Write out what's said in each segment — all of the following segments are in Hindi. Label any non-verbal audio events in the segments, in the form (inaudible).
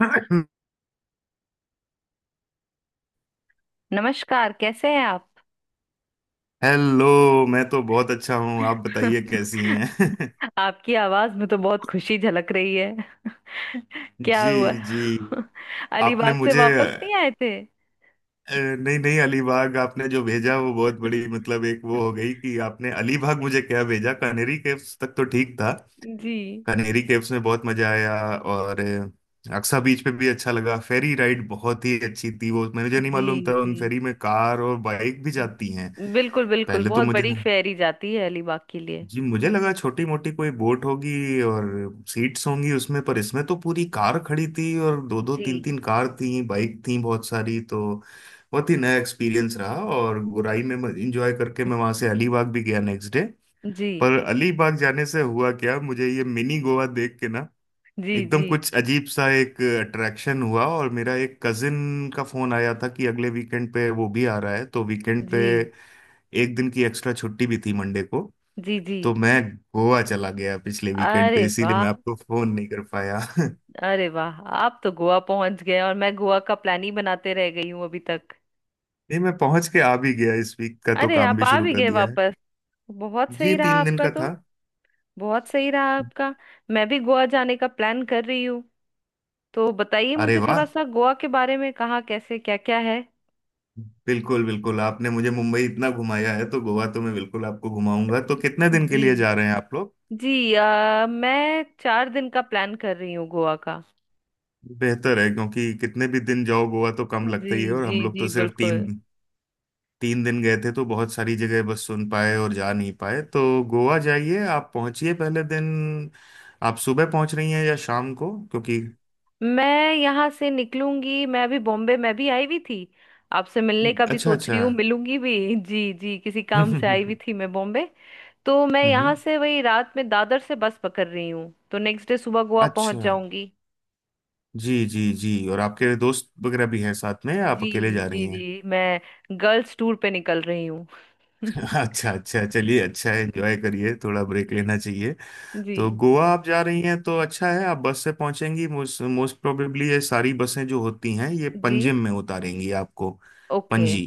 (coughs) नमस्कार कैसे हैं आप। हेलो। मैं तो बहुत अच्छा हूँ, आप बताइए कैसी हैं। आपकी आवाज में तो बहुत खुशी झलक रही है। (laughs) क्या जी। हुआ? जी, (laughs) आपने अलीबाग से मुझे वापस नहीं आए थे? नहीं नहीं, अलीबाग आपने जो भेजा वो बहुत बड़ी मतलब एक वो हो गई कि आपने अलीबाग मुझे क्या भेजा, कनेरी केव्स तक तो ठीक था। जी कनेरी केव्स में बहुत मजा आया और अक्सा बीच पे भी अच्छा लगा। फेरी राइड बहुत ही अच्छी थी, वो मुझे नहीं जी मालूम था जी। उन फेरी में कार और बाइक भी जाती हैं। बिल्कुल बिल्कुल पहले तो बहुत मुझे बड़ी फेरी जाती है अलीबाग के लिए। जी, मुझे लगा छोटी मोटी कोई बोट होगी और सीट्स होंगी उसमें, पर इसमें तो पूरी कार खड़ी थी और दो दो जी तीन तीन कार थी, बाइक थी बहुत सारी। तो बहुत ही नया एक्सपीरियंस रहा और गुराई में मैं इंजॉय करके मैं वहां से अलीबाग भी गया नेक्स्ट डे। जी पर अलीबाग जाने से हुआ क्या, मुझे ये मिनी गोवा देख के ना जी एकदम जी कुछ अजीब सा एक अट्रैक्शन हुआ, और मेरा एक कजिन का फोन आया था कि अगले वीकेंड पे वो भी आ रहा है, तो वीकेंड पे जी एक दिन की एक्स्ट्रा छुट्टी भी थी मंडे को। जी जी। तो मैं गोवा चला गया पिछले वीकेंड पे, अरे इसीलिए वाह। मैं आपको फोन नहीं कर पाया। (laughs) अरे वाह, आप तो गोवा पहुंच गए और मैं गोवा का प्लान ही बनाते रह गई हूँ अभी तक। नहीं, मैं पहुंच के आ भी गया, इस वीक का तो अरे, काम आप भी आ शुरू भी कर गए दिया है। वापस? बहुत जी, सही रहा तीन दिन आपका का तो। था। बहुत सही रहा आपका। मैं भी गोवा जाने का प्लान कर रही हूँ। तो बताइए अरे मुझे थोड़ा वाह, सा गोवा के बारे में, कहाँ कैसे क्या क्या है। बिल्कुल बिल्कुल, आपने मुझे मुंबई इतना घुमाया है तो गोवा तो मैं बिल्कुल आपको घुमाऊंगा। तो कितने दिन के जी लिए जा रहे हैं आप लोग। जी। मैं 4 दिन का प्लान कर रही हूँ गोवा का। बेहतर है, क्योंकि कितने भी दिन जाओ गोवा तो कम जी लगता ही है, और जी हम लोग जी तो सिर्फ तीन बिल्कुल। तीन दिन गए थे तो बहुत सारी जगह बस सुन पाए और जा नहीं पाए। तो गोवा जाइए, आप पहुंचिए पहले दिन। आप सुबह पहुंच रही हैं या शाम को, क्योंकि मैं यहाँ से निकलूंगी, मैं अभी बॉम्बे मैं भी आई हुई थी। आपसे मिलने का भी अच्छा सोच अच्छा। रही हूँ, मिलूंगी भी। जी जी, किसी (laughs) काम से आई हुई हम्म थी मैं बॉम्बे। तो मैं यहाँ से वही रात में दादर से बस पकड़ रही हूँ, तो नेक्स्ट डे सुबह गोवा पहुंच अच्छा, जाऊंगी। जी जी जी। और आपके दोस्त वगैरह भी हैं साथ में या आप जी अकेले जा जी रही हैं। जी। मैं गर्ल्स टूर पे निकल रही हूँ। (laughs) (laughs) अच्छा अच्छा, चलिए अच्छा है, एंजॉय करिए, थोड़ा ब्रेक लेना चाहिए। जी तो गोवा आप जा रही हैं तो अच्छा है, आप बस से पहुंचेंगी, मोस्ट मोस्ट प्रोबेबली ये सारी बसें जो होती हैं ये जी। पंजिम में उतारेंगी आपको। ओके। पणजी,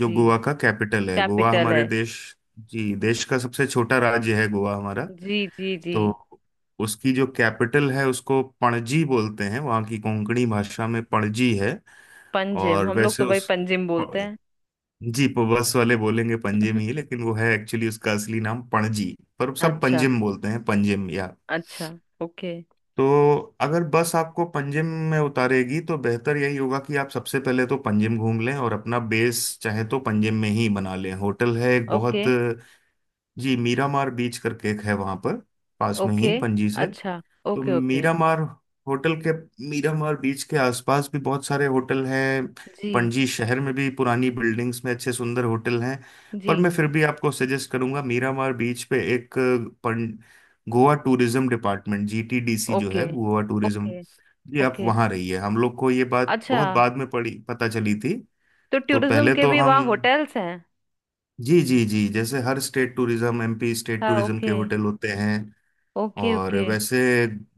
जो गोवा का कैपिटल है, गोवा कैपिटल हमारे है। देश जी, देश का सबसे छोटा राज्य है गोवा हमारा। जी जी जी। तो उसकी जो कैपिटल है उसको पणजी बोलते हैं, वहाँ की कोंकणी भाषा में पणजी है। पंजिम, और हम लोग वैसे तो भाई उस पंजिम बोलते हैं। जी, बस वाले बोलेंगे पंजिम (laughs) ही, लेकिन वो है एक्चुअली उसका असली नाम पणजी, पर सब अच्छा पंजिम बोलते हैं, पंजिम या। अच्छा। ओके तो अगर बस आपको पंजिम में उतारेगी तो बेहतर यही होगा कि आप सबसे पहले तो पंजिम घूम लें और अपना बेस चाहे तो पंजिम में ही बना लें। होटल है एक ओके बहुत जी, मीरामार बीच करके एक है वहां पर, पास में ही ओके। पणजी से। अच्छा। तो ओके ओके। मीरामार होटल के मीरामार बीच के आसपास भी बहुत सारे होटल हैं, जी पणजी शहर में भी पुरानी बिल्डिंग्स में अच्छे सुंदर होटल हैं। जी। पर मैं फिर भी आपको सजेस्ट करूंगा मीरामार बीच पे एक गोवा टूरिज्म डिपार्टमेंट, जीटीडीसी जो ओके है गोवा टूरिज्म, ओके ये, आप ओके। वहाँ रहिए। हम लोग को ये बात अच्छा। बहुत बाद में पड़ी, पता चली थी। तो तो टूरिज्म पहले के तो भी हम वहाँ होटल्स हैं? जी जी जी, जैसे हर स्टेट टूरिज्म, एमपी स्टेट हाँ, टूरिज्म ओके। के होटल होते हैं। ओके और ओके। वैसे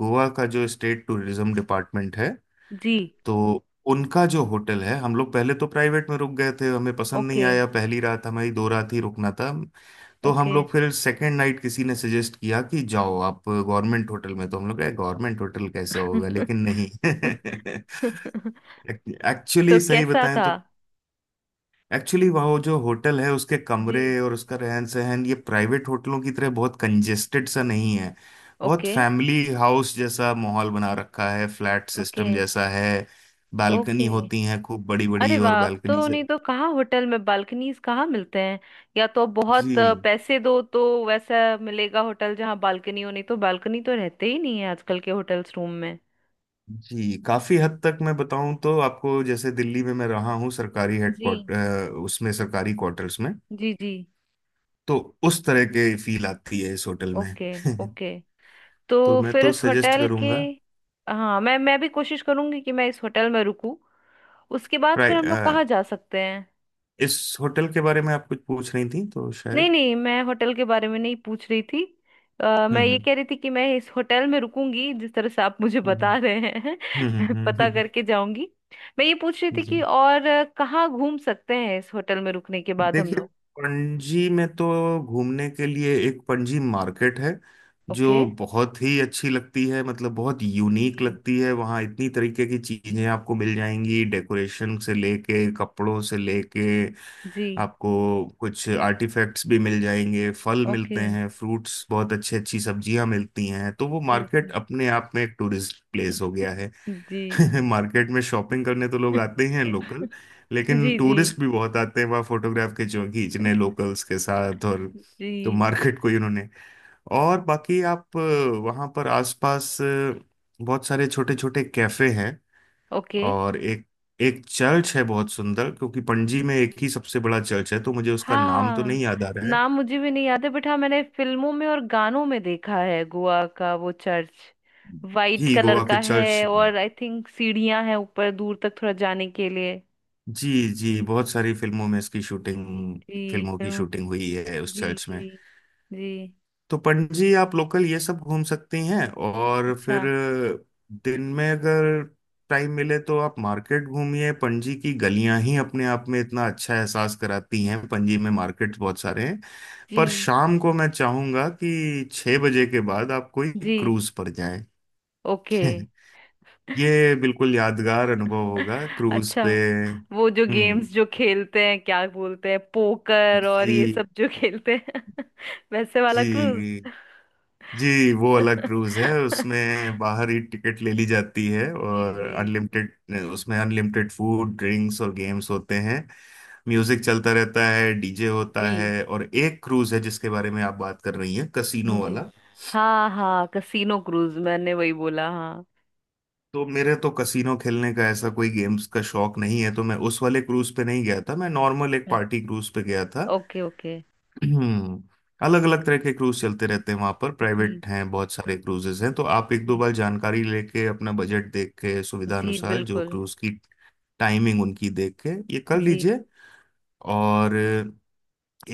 गोवा का जो स्टेट टूरिज्म डिपार्टमेंट है, जी। तो उनका जो होटल है, हम लोग पहले तो प्राइवेट में रुक गए थे, हमें पसंद नहीं ओके आया पहली रात, हमारी दो रात ही रुकना था। तो हम ओके। लोग फिर सेकेंड नाइट किसी ने सजेस्ट किया कि जाओ आप गवर्नमेंट होटल में, तो हम लोग कहे गवर्नमेंट होटल कैसे होगा लेकिन (laughs) नहीं। (laughs) (laughs) तो एक्चुअली सही कैसा बताएं था? तो, एक्चुअली वो जो होटल है उसके कमरे जी। और उसका रहन सहन ये प्राइवेट होटलों की तरह बहुत कंजेस्टेड सा नहीं है, बहुत ओके फैमिली हाउस जैसा माहौल बना रखा है, फ्लैट ओके सिस्टम जैसा है। Balcony okay. होती हैं खूब बड़ी अरे बड़ी, और वाह, अब बालकनी तो से, नहीं तो कहाँ होटल में बालकनीज कहाँ मिलते हैं? या तो जी बहुत पैसे दो तो वैसा मिलेगा होटल जहाँ बालकनी हो, नहीं तो बालकनी तो रहते ही नहीं है आजकल के होटल्स रूम में। जी, काफी हद तक मैं बताऊं तो आपको, जैसे दिल्ली में मैं रहा हूँ सरकारी जी हेडक्वार्टर, उसमें सरकारी क्वार्टर्स में, जी जी। तो उस तरह के फील आती है इस होटल में। Okay (laughs) okay. तो तो मैं फिर तो इस सजेस्ट होटल के, करूंगा। हाँ मैं भी कोशिश करूंगी कि मैं इस होटल में रुकूं। उसके बाद फिर हम लोग कहाँ जा सकते हैं? इस होटल के बारे में आप कुछ पूछ रही थी तो नहीं शायद। नहीं, मैं होटल के बारे में नहीं पूछ रही थी। मैं ये हम्म। कह रही थी कि मैं इस होटल में रुकूंगी जिस तरह से आप (laughs) मुझे हम्म। बता रहे हैं। (laughs) मैं हम्म। पता करके जाऊंगी। मैं ये पूछ रही थी कि जी, और कहाँ घूम सकते हैं इस होटल में रुकने के बाद हम देखिए, लोग। पणजी में तो घूमने के लिए एक पणजी मार्केट है ओके। जो बहुत ही अच्छी लगती है, मतलब बहुत यूनिक जी लगती है, वहाँ इतनी तरीके की चीजें आपको मिल जाएंगी, डेकोरेशन से लेके, कपड़ों से लेके, जी। आपको कुछ आर्टिफैक्ट्स भी मिल जाएंगे, फल मिलते ओके हैं, फ्रूट्स, बहुत अच्छी अच्छी सब्जियां मिलती हैं। तो वो ओके मार्केट ओके। अपने आप में एक टूरिस्ट प्लेस हो गया है। जी। (laughs) मार्केट में शॉपिंग करने तो लोग आते ही (laughs) हैं लोकल, लेकिन जी जी। टूरिस्ट भी बहुत आते हैं वहाँ फोटोग्राफ के जो खींचने (laughs) लोकल्स के साथ। और तो जी। मार्केट को ही उन्होंने। और बाकी आप, वहाँ पर आसपास बहुत सारे छोटे छोटे कैफे हैं। ओके। और एक एक चर्च है बहुत सुंदर, क्योंकि पणजी में एक ही सबसे बड़ा चर्च है, तो मुझे उसका नाम तो नहीं हाँ, याद आ रहा है। नाम मुझे भी नहीं याद है बट हाँ, मैंने फिल्मों में और गानों में देखा है गोवा का वो चर्च। वाइट जी, कलर गोवा के का है चर्च, और आई थिंक सीढ़ियां हैं ऊपर दूर तक थोड़ा जाने के लिए। जी जी, बहुत सारी फिल्मों में इसकी जी शूटिंग, जी फिल्मों की फिल्म। शूटिंग हुई है उस जी चर्च में। जी जी। तो पंडित जी, आप लोकल ये सब घूम सकती हैं, और फिर अच्छा। दिन में अगर टाइम मिले तो आप मार्केट घूमिए, पणजी की गलियां ही अपने आप में इतना अच्छा एहसास कराती हैं, पणजी में मार्केट्स बहुत सारे हैं। पर जी शाम को मैं चाहूंगा कि छह बजे के बाद आप कोई जी। क्रूज पर जाएं। ओके। (laughs) ये बिल्कुल यादगार अनुभव होगा क्रूज अच्छा, पे। वो जो हम्म। गेम्स जो खेलते हैं क्या बोलते हैं पोकर और ये जी सब जो खेलते हैं, (laughs) वैसे वाला क्रूज? जी। जी, वो अलग क्रूज है, (laughs) उसमें बाहर ही टिकट ले ली जाती है, जी और जी। अनलिमिटेड, उसमें अनलिमिटेड फूड ड्रिंक्स और गेम्स होते हैं, म्यूजिक चलता रहता है, डीजे होता जी है। और एक क्रूज है जिसके बारे में आप बात कर रही हैं, कसीनो जी। वाला। हाँ हाँ, कसीनो क्रूज मैंने वही बोला हाँ। तो मेरे तो कसीनो खेलने का ऐसा कोई गेम्स का शौक नहीं है, तो मैं उस वाले क्रूज पे नहीं गया था, मैं नॉर्मल एक पार्टी क्रूज पे गया था। Okay okay. हम्म। अलग अलग तरह के क्रूज चलते रहते हैं वहां पर, जी प्राइवेट हैं बहुत सारे क्रूजेस हैं, तो आप एक दो जी बार जानकारी लेके, अपना बजट देख के, सुविधा जी अनुसार जो बिल्कुल। क्रूज की टाइमिंग उनकी देख के ये कर जी लीजिए। और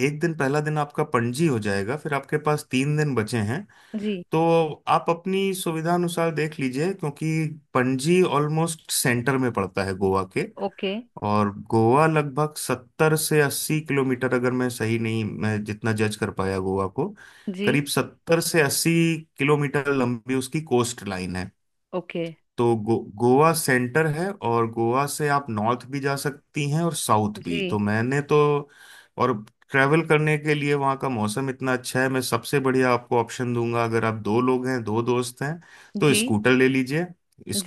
एक दिन, पहला दिन आपका पणजी हो जाएगा, फिर आपके पास तीन दिन बचे हैं। जी। तो आप अपनी सुविधा अनुसार देख लीजिए, क्योंकि पणजी ऑलमोस्ट सेंटर में पड़ता है गोवा के। ओके। और गोवा लगभग सत्तर से अस्सी किलोमीटर, अगर मैं सही नहीं, मैं जितना जज कर पाया गोवा को, जी। करीब सत्तर से अस्सी किलोमीटर लंबी उसकी कोस्ट लाइन है। ओके। तो गोवा सेंटर है, और गोवा से आप नॉर्थ भी जा सकती हैं और साउथ भी। जी तो मैंने तो, और ट्रैवल करने के लिए वहाँ का मौसम इतना अच्छा है, मैं सबसे बढ़िया आपको ऑप्शन दूंगा, अगर आप दो लोग हैं, दो दोस्त हैं, तो जी स्कूटर ले लीजिए।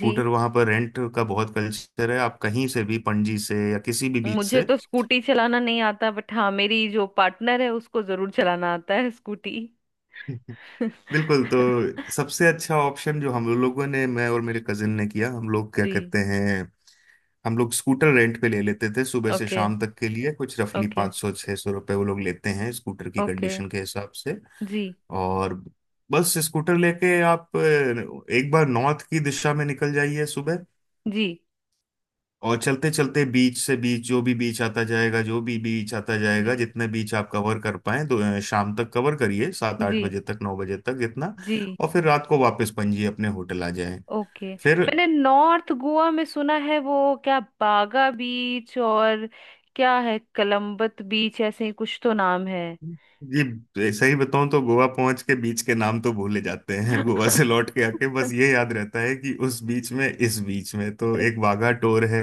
जी। वहाँ पर रेंट का बहुत कल्चर है, आप कहीं से भी, पणजी से या किसी भी बीच मुझे से। तो स्कूटी चलाना नहीं आता बट हाँ, मेरी जो पार्टनर है उसको जरूर चलाना आता है स्कूटी। (laughs) (laughs) बिल्कुल, तो सबसे अच्छा ऑप्शन जो हम लोगों ने, मैं और मेरे कजिन ने किया, हम लोग क्या जी। कहते हैं, हम लोग स्कूटर रेंट पे ले लेते थे सुबह से ओके शाम तक के लिए, कुछ रफली ओके पाँच सौ छः सौ रुपये वो लोग लेते हैं स्कूटर की ओके। कंडीशन के हिसाब से। जी। और बस स्कूटर लेके आप, एक बार नॉर्थ की दिशा में निकल जाइए सुबह, जी और चलते चलते बीच से बीच, जो भी बीच आता जाएगा, जी जितने बीच आप कवर कर पाए, तो शाम तक कवर करिए, सात आठ जी। बजे तक, नौ बजे तक जितना, जी। और फिर रात को वापस पणजी अपने होटल आ जाए। ओके। फिर मैंने नॉर्थ गोवा में सुना है वो क्या, बागा बीच और क्या है कलम्बत बीच, ऐसे ही कुछ तो नाम है। जी, सही बताऊं तो गोवा पहुंच के बीच के नाम तो भूले जाते हैं। (laughs) गोवा से (laughs) लौट के आके बस ये याद रहता है कि उस बीच में, इस बीच में, तो एक वाघा टोर है,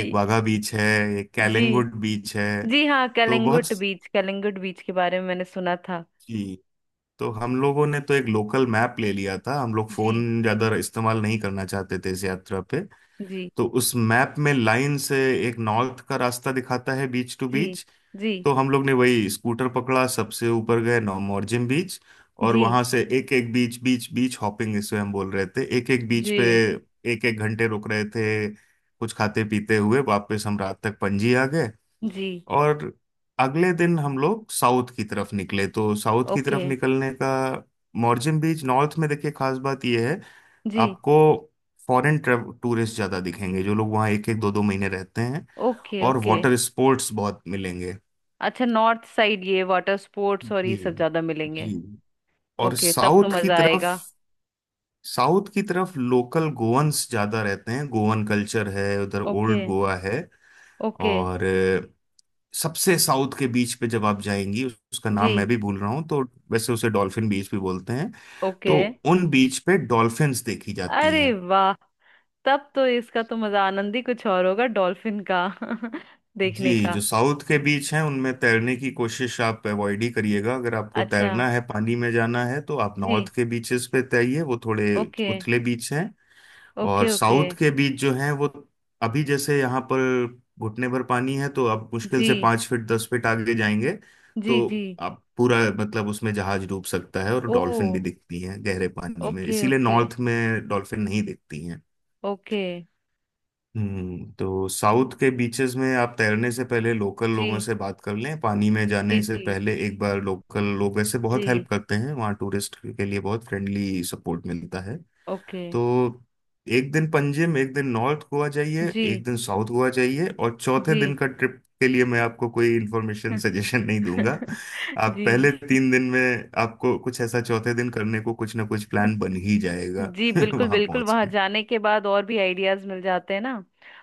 एक वाघा बीच है, एक जी कैलंगुड बीच है। जी, हाँ तो बहुत, कलिंगुट बीच, कलिंगुट बीच के बारे में मैंने सुना था। जी, तो हम लोगों ने तो एक लोकल मैप ले लिया था, हम लोग जी फोन ज्यादा इस्तेमाल नहीं करना चाहते थे इस यात्रा पे। जी। तो उस मैप में लाइन से एक नॉर्थ का रास्ता दिखाता है, बीच टू जी बीच। जी तो हम लोग ने वही स्कूटर पकड़ा, सबसे ऊपर गए नौमोरजिम बीच, और जी वहां से एक एक बीच, बीच बीच हॉपिंग इसे हम बोल रहे थे, एक एक बीच जी। पे एक एक घंटे रुक रहे थे, कुछ खाते पीते हुए वापस हम रात तक पणजी आ गए। जी। और अगले दिन हम लोग साउथ की तरफ निकले, तो साउथ की ओके। तरफ निकलने का, मोरजिम बीच, नॉर्थ में देखिए खास बात यह है, जी। आपको फॉरेन टूरिस्ट ज्यादा दिखेंगे, जो लोग वहाँ एक एक दो दो महीने रहते हैं, ओके और ओके। वाटर स्पोर्ट्स बहुत मिलेंगे। अच्छा, नॉर्थ साइड ये वाटर स्पोर्ट्स और ये जी सब ज्यादा मिलेंगे? जी। और ओके, तब तो साउथ की मजा तरफ, आएगा। साउथ की तरफ लोकल गोवंस ज्यादा रहते हैं, गोवन कल्चर है उधर, ओके ओल्ड गोवा है। ओके। और सबसे साउथ के बीच पे जब आप जाएंगी, उसका नाम जी। मैं भी भूल रहा हूँ तो, वैसे उसे डॉल्फिन बीच भी बोलते हैं, ओके। तो उन बीच पे डॉल्फिन्स देखी जाती अरे हैं। वाह, तब तो इसका तो मजा आनंद ही कुछ और होगा डॉल्फिन का (laughs) देखने जी, जो का। साउथ के बीच हैं उनमें तैरने की कोशिश आप अवॉइड ही करिएगा। अगर आपको अच्छा। तैरना है, पानी में जाना है, तो आप जी। नॉर्थ के बीचेस पे तैरिए, वो थोड़े ओके उथले बीच हैं। और ओके ओके। साउथ के बीच जो है वो, अभी जैसे यहाँ पर घुटने भर पानी है तो अब मुश्किल जी से पाँच फीट दस फीट आगे जाएंगे, जी। तो जी। अब पूरा मतलब उसमें जहाज डूब सकता है, और ओ। डॉल्फिन भी दिखती हैं गहरे पानी में, ओके इसीलिए ओके नॉर्थ में डॉल्फिन नहीं दिखती हैं। ओके। हम्म, तो साउथ के बीचेस में आप तैरने से पहले लोकल लोगों जी से बात कर लें, पानी में जी जाने से जी। पहले एक बार। लोकल लोग ऐसे बहुत हेल्प जी। करते हैं वहाँ, टूरिस्ट के लिए बहुत फ्रेंडली सपोर्ट मिलता है। ओके। तो एक दिन पंजिम, एक दिन नॉर्थ गोवा जाइए, जी। एक दिन साउथ गोवा जाइए, और चौथे जी। दिन का ट्रिप के लिए मैं आपको कोई इन्फॉर्मेशन (laughs) सजेशन नहीं दूंगा। आप जी। पहले तीन दिन में, आपको कुछ ऐसा, चौथे दिन करने को कुछ ना कुछ प्लान (laughs) बन ही जाएगा जी (laughs) बिल्कुल वहां बिल्कुल, पहुंच वहां के। जाने के बाद और भी आइडियाज मिल जाते हैं ना।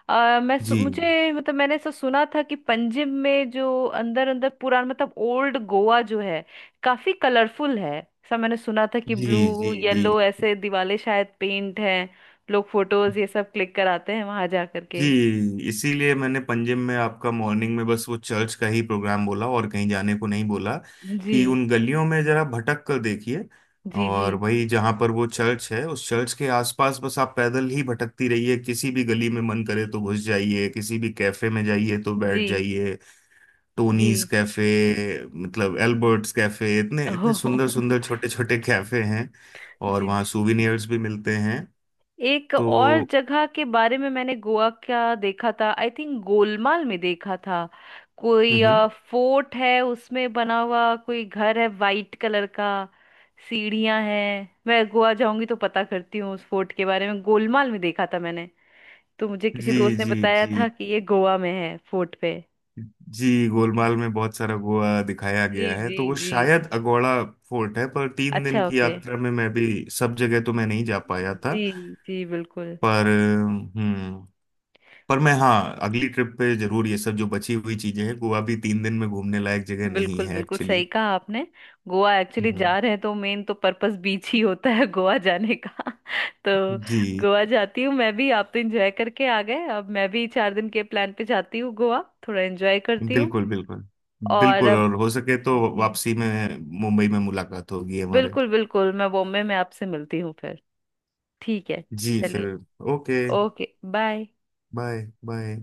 जी मुझे मतलब मैंने ऐसा सुना था कि पंजिम में जो अंदर अंदर पुराना मतलब ओल्ड गोवा जो है काफी कलरफुल है, ऐसा मैंने सुना था कि जी जी, ब्लू जी येलो ऐसे दिवाले शायद पेंट हैं। लोग फोटोज ये सब क्लिक कराते हैं वहां जा करके। जी। इसीलिए मैंने पंजिम में आपका मॉर्निंग में बस वो चर्च का ही प्रोग्राम बोला और कहीं जाने को नहीं बोला, जी कि उन गलियों में जरा भटक कर देखिए। जी जी और वही, जहाँ पर वो चर्च है उस चर्च के आसपास, बस आप पैदल ही भटकती रहिए, किसी भी गली में मन करे तो घुस जाइए, किसी भी कैफे में जाइए तो जी बैठ जाइए। जी। टोनीज कैफे मतलब, एल्बर्ट्स कैफे, इतने इतने सुंदर सुंदर (laughs) छोटे छोटे कैफे हैं, और जी वहाँ जी। सूविनियर्स भी मिलते हैं। एक और तो जगह के बारे में मैंने गोवा का देखा था, आई थिंक गोलमाल में देखा था। हम्म। कोई हम्म। फोर्ट है उसमें बना हुआ, कोई घर है वाइट कलर का। सीढ़ियां हैं, मैं गोवा जाऊंगी तो पता करती हूँ उस फोर्ट के बारे में, गोलमाल में देखा था मैंने। तो मुझे किसी जी दोस्त ने जी बताया जी। था कि ये गोवा में है फोर्ट पे। जी, गोलमाल में बहुत सारा गोवा दिखाया जी गया है, जी तो वो जी। शायद अगोड़ा फोर्ट है, पर तीन दिन अच्छा, की ओके। यात्रा में मैं भी सब जगह तो मैं नहीं जा पाया था। जी जी बिल्कुल। पर हम्म, पर मैं, हाँ, अगली ट्रिप पे जरूर ये सब जो बची हुई चीजें हैं, गोवा भी तीन दिन में घूमने लायक जगह नहीं बिल्कुल है बिल्कुल सही एक्चुअली। कहा आपने। गोवा एक्चुअली हम्म। जा रहे हैं तो मेन तो पर्पस बीच ही होता है गोवा जाने का। (laughs) तो जी, गोवा जाती हूँ मैं भी, आप तो एंजॉय करके आ गए, अब मैं भी 4 दिन के प्लान पे जाती हूँ गोवा। थोड़ा एंजॉय करती हूँ। बिल्कुल बिल्कुल और बिल्कुल, अब। और हो सके तो जी वापसी में मुंबई में मुलाकात होगी हमारे। बिल्कुल बिल्कुल, मैं बॉम्बे में आपसे मिलती हूँ फिर। ठीक है। जी, चलिए। फिर okay, okay bye. Bye bye.